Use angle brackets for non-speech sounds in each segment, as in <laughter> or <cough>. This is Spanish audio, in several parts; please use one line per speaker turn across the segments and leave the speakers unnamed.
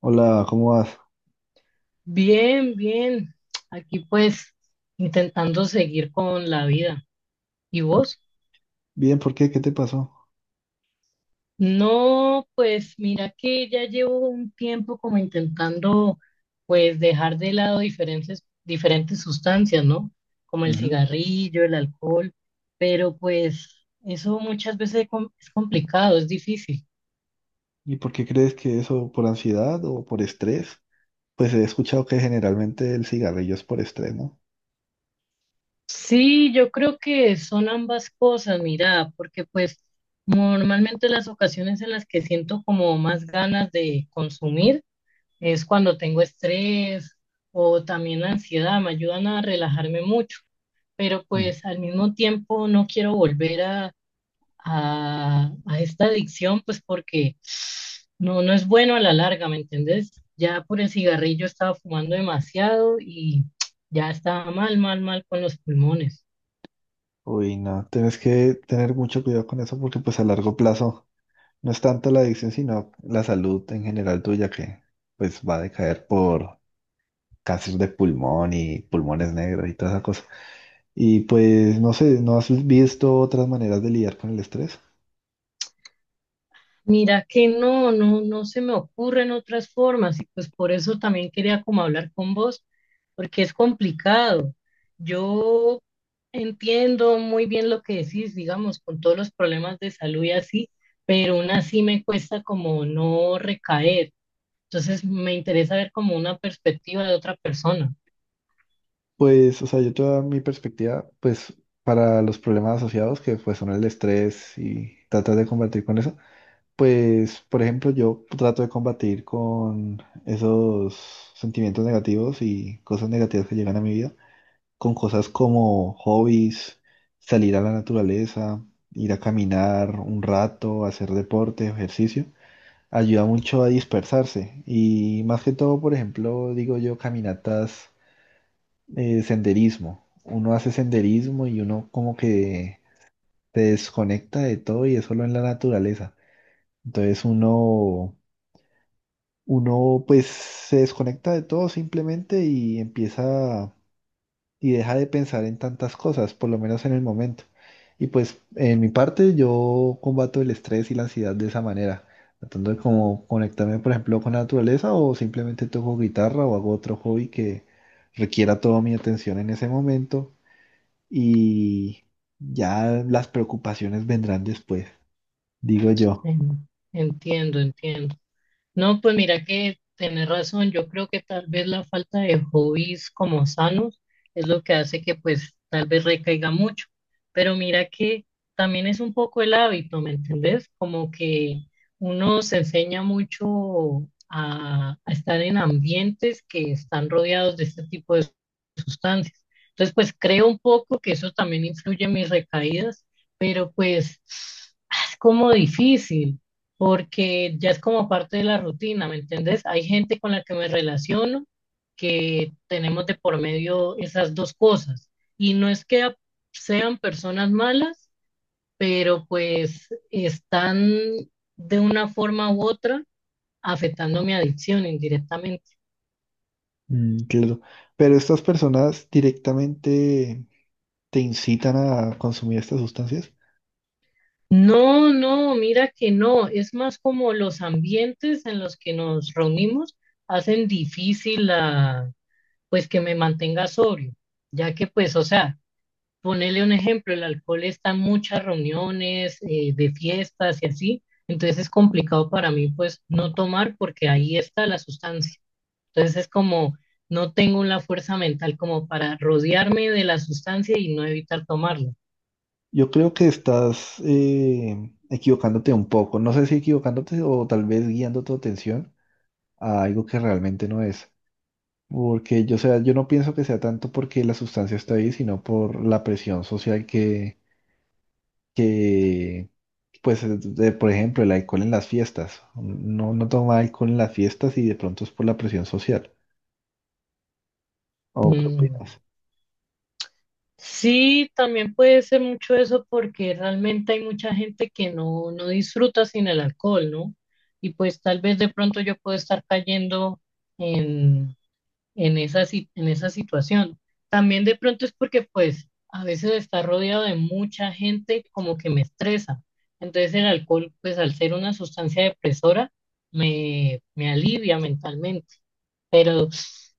Hola, ¿cómo vas?
Bien, bien. Aquí pues intentando seguir con la vida. ¿Y vos?
Bien, ¿por qué? ¿Qué te pasó?
No, pues mira que ya llevo un tiempo como intentando pues dejar de lado diferentes sustancias, ¿no? Como el
Ujú.
cigarrillo, el alcohol, pero pues eso muchas veces es complicado, es difícil.
¿Y por qué crees que eso por ansiedad o por estrés? Pues he escuchado que generalmente el cigarrillo es por estrés, ¿no?
Sí, yo creo que son ambas cosas, mira, porque pues normalmente las ocasiones en las que siento como más ganas de consumir es cuando tengo estrés o también ansiedad, me ayudan a relajarme mucho, pero
Mm.
pues al mismo tiempo no quiero volver a esta adicción, pues porque no es bueno a la larga, ¿me entendés? Ya por el cigarrillo estaba fumando demasiado y <tsk> ya estaba mal, mal, mal con los pulmones.
Uy, no, tienes que tener mucho cuidado con eso porque pues a largo plazo no es tanto la adicción, sino la salud en general tuya que pues va a decaer por cáncer de pulmón y pulmones negros y toda esa cosa. Y pues no sé, ¿no has visto otras maneras de lidiar con el estrés?
Mira que no se me ocurren otras formas y pues por eso también quería como hablar con vos, porque es complicado. Yo entiendo muy bien lo que decís, digamos, con todos los problemas de salud y así, pero aún así me cuesta como no recaer. Entonces me interesa ver como una perspectiva de otra persona.
Pues, o sea, yo toda mi perspectiva, pues, para los problemas asociados, que pues son el estrés y tratas de combatir con eso, pues, por ejemplo, yo trato de combatir con esos sentimientos negativos y cosas negativas que llegan a mi vida, con cosas como hobbies, salir a la naturaleza, ir a caminar un rato, hacer deporte, ejercicio, ayuda mucho a dispersarse y más que todo, por ejemplo, digo yo, caminatas, senderismo. Uno hace senderismo y uno como que se desconecta de todo y es solo en la naturaleza. Entonces uno pues se desconecta de todo simplemente y empieza y deja de pensar en tantas cosas, por lo menos en el momento. Y pues en mi parte yo combato el estrés y la ansiedad de esa manera, tratando de como conectarme por ejemplo con la naturaleza o simplemente toco guitarra o hago otro hobby que requiera toda mi atención en ese momento y ya las preocupaciones vendrán después, digo yo.
Entiendo, entiendo. No, pues mira que tenés razón. Yo creo que tal vez la falta de hobbies como sanos es lo que hace que pues tal vez recaiga mucho. Pero mira que también es un poco el hábito, ¿me entendés? Como que uno se enseña mucho a estar en ambientes que están rodeados de este tipo de sustancias. Entonces, pues creo un poco que eso también influye en mis recaídas, pero pues es como difícil porque ya es como parte de la rutina, ¿me entendés? Hay gente con la que me relaciono que tenemos de por medio esas dos cosas. Y no es que sean personas malas, pero pues están de una forma u otra afectando mi adicción indirectamente.
Mm, claro. Pero estas personas directamente te incitan a consumir estas sustancias.
No, mira que no, es más como los ambientes en los que nos reunimos hacen difícil la, pues que me mantenga sobrio, ya que pues, o sea, ponerle un ejemplo, el alcohol está en muchas reuniones, de fiestas y así, entonces es complicado para mí pues no tomar porque ahí está la sustancia. Entonces es como no tengo la fuerza mental como para rodearme de la sustancia y no evitar tomarla.
Yo creo que estás equivocándote un poco. No sé si equivocándote o tal vez guiando tu atención a algo que realmente no es. Porque yo, o sea, yo no pienso que sea tanto porque la sustancia está ahí, sino por la presión social que, pues, por ejemplo, el alcohol en las fiestas. No, no toma alcohol en las fiestas y de pronto es por la presión social. ¿O qué
Mm,
opinas?
sí, también puede ser mucho eso porque realmente hay mucha gente que no disfruta sin el alcohol, ¿no? Y pues tal vez de pronto yo puedo estar cayendo en, en esa, si- en esa situación. También de pronto es porque pues a veces estar rodeado de mucha gente como que me estresa. Entonces el alcohol pues al ser una sustancia depresora me alivia mentalmente. Pero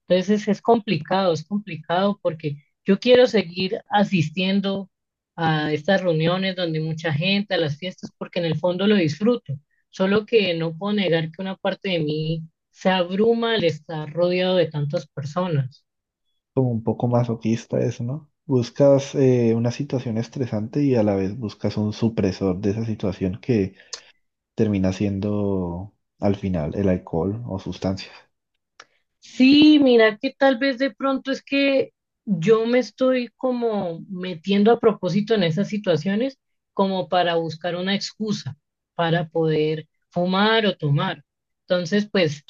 entonces es complicado porque yo quiero seguir asistiendo a estas reuniones donde hay mucha gente, a las fiestas, porque en el fondo lo disfruto. Solo que no puedo negar que una parte de mí se abruma al estar rodeado de tantas personas.
Como un poco masoquista eso, ¿no? Buscas una situación estresante y a la vez buscas un supresor de esa situación que termina siendo al final el alcohol o sustancias.
Sí, mira que tal vez de pronto es que yo me estoy como metiendo a propósito en esas situaciones como para buscar una excusa para poder fumar o tomar. Entonces, pues,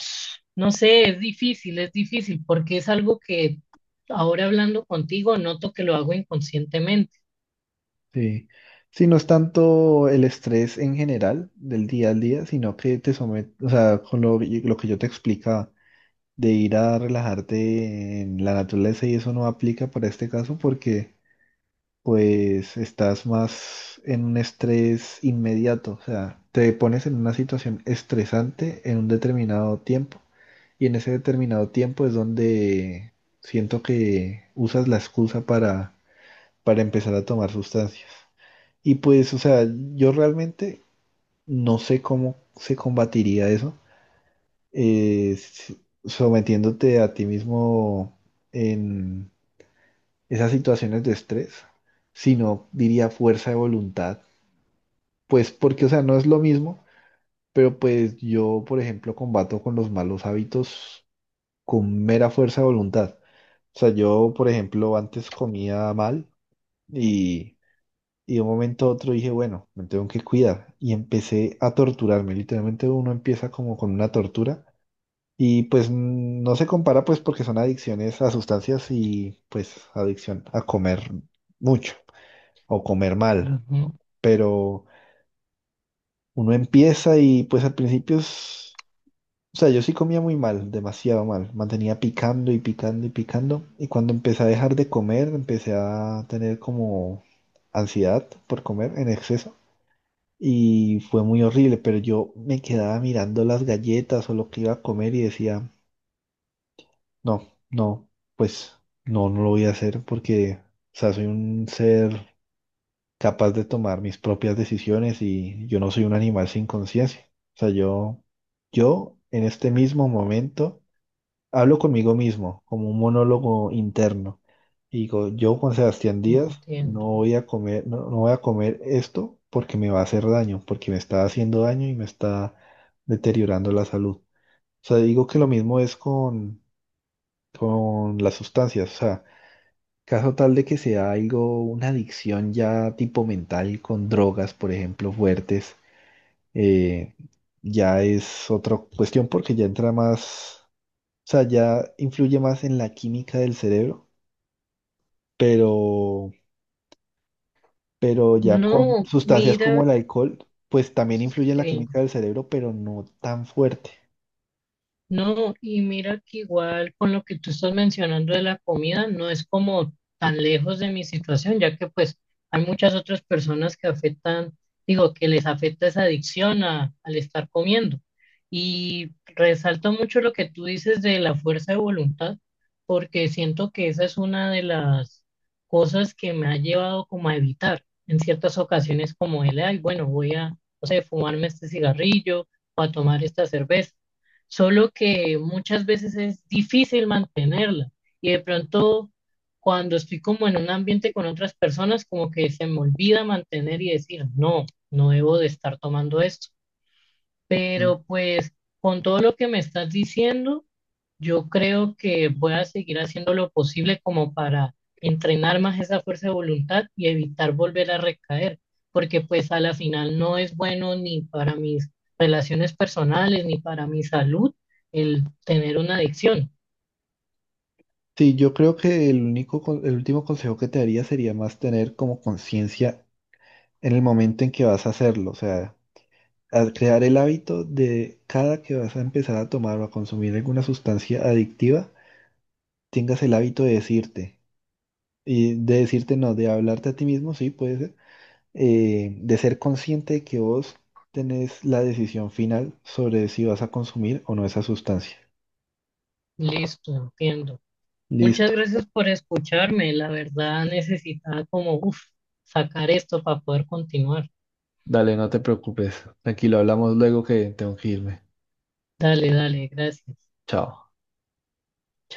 no sé, es difícil porque es algo que ahora hablando contigo noto que lo hago inconscientemente.
Sí. Sí, no es tanto el estrés en general del día al día, sino que te somete, o sea, con lo que yo te explica de ir a relajarte en la naturaleza y eso no aplica para este caso porque pues estás más en un estrés inmediato, o sea, te pones en una situación estresante en un determinado tiempo y en ese determinado tiempo es donde siento que usas la excusa para empezar a tomar sustancias. Y pues, o sea, yo realmente no sé cómo se combatiría eso eh, s- sometiéndote a ti mismo en esas situaciones de estrés, sino diría fuerza de voluntad. Pues porque, o sea, no es lo mismo, pero pues yo, por ejemplo, combato con los malos hábitos con mera fuerza de voluntad. O sea, yo, por ejemplo, antes comía mal y, y de un momento a otro dije, bueno, me tengo que cuidar. Y empecé a torturarme. Literalmente uno empieza como con una tortura. Y pues no se compara pues porque son adicciones a sustancias y pues adicción a comer mucho o comer mal.
Ujú,
Pero uno empieza y pues al principio es... O sea, yo sí comía muy mal, demasiado mal. Mantenía picando y picando y picando. Y cuando empecé a dejar de comer, empecé a tener como ansiedad por comer en exceso. Y fue muy horrible, pero yo me quedaba mirando las galletas o lo que iba a comer y decía... No, no, pues no lo voy a hacer porque, o sea, soy un ser capaz de tomar mis propias decisiones y yo no soy un animal sin conciencia. O sea, yo en este mismo momento hablo conmigo mismo como un monólogo interno y digo, yo Juan Sebastián Díaz no
entiendo.
voy a comer, no voy a comer esto porque me va a hacer daño, porque me está haciendo daño y me está deteriorando la salud. O sea, digo que lo mismo es con las sustancias. O sea, caso tal de que sea algo, una adicción ya tipo mental con drogas, por ejemplo, fuertes, eh, ya es otra cuestión porque ya entra más, o sea, ya influye más en la química del cerebro, pero, pero ya con
No,
sustancias como
mira,
el alcohol, pues también influye en la
sí.
química del cerebro, pero no tan fuerte.
No, y mira que igual con lo que tú estás mencionando de la comida, no es como tan lejos de mi situación, ya que pues hay muchas otras personas que afectan, digo, que les afecta esa adicción al estar comiendo. Y resalto mucho lo que tú dices de la fuerza de voluntad, porque siento que esa es una de las cosas que me ha llevado como a evitar en ciertas ocasiones como el, ay, bueno, voy a, no sé, fumarme este cigarrillo o a tomar esta cerveza, solo que muchas veces es difícil mantenerla y de pronto cuando estoy como en un ambiente con otras personas, como que se me olvida mantener y decir, no, no debo de estar tomando esto.
¿Mm?
Pero pues con todo lo que me estás diciendo, yo creo que voy a seguir haciendo lo posible como para entrenar más esa fuerza de voluntad y evitar volver a recaer, porque pues a la final no es bueno ni para mis relaciones personales ni para mi salud el tener una adicción.
Sí, yo creo que el único, el último consejo que te daría sería más tener como conciencia en el momento en que vas a hacerlo, o sea, a crear el hábito de cada que vas a empezar a tomar o a consumir alguna sustancia adictiva, tengas el hábito de decirte, y de decirte no, de hablarte a ti mismo, sí, puede ser, de ser consciente de que vos tenés la decisión final sobre si vas a consumir o no esa sustancia.
Listo, entiendo. Muchas
Listo.
gracias por escucharme. La verdad necesitaba como uf, sacar esto para poder continuar.
Dale, no te preocupes. Tranquilo, hablamos luego que tengo que irme.
Dale, dale, gracias.
Chao.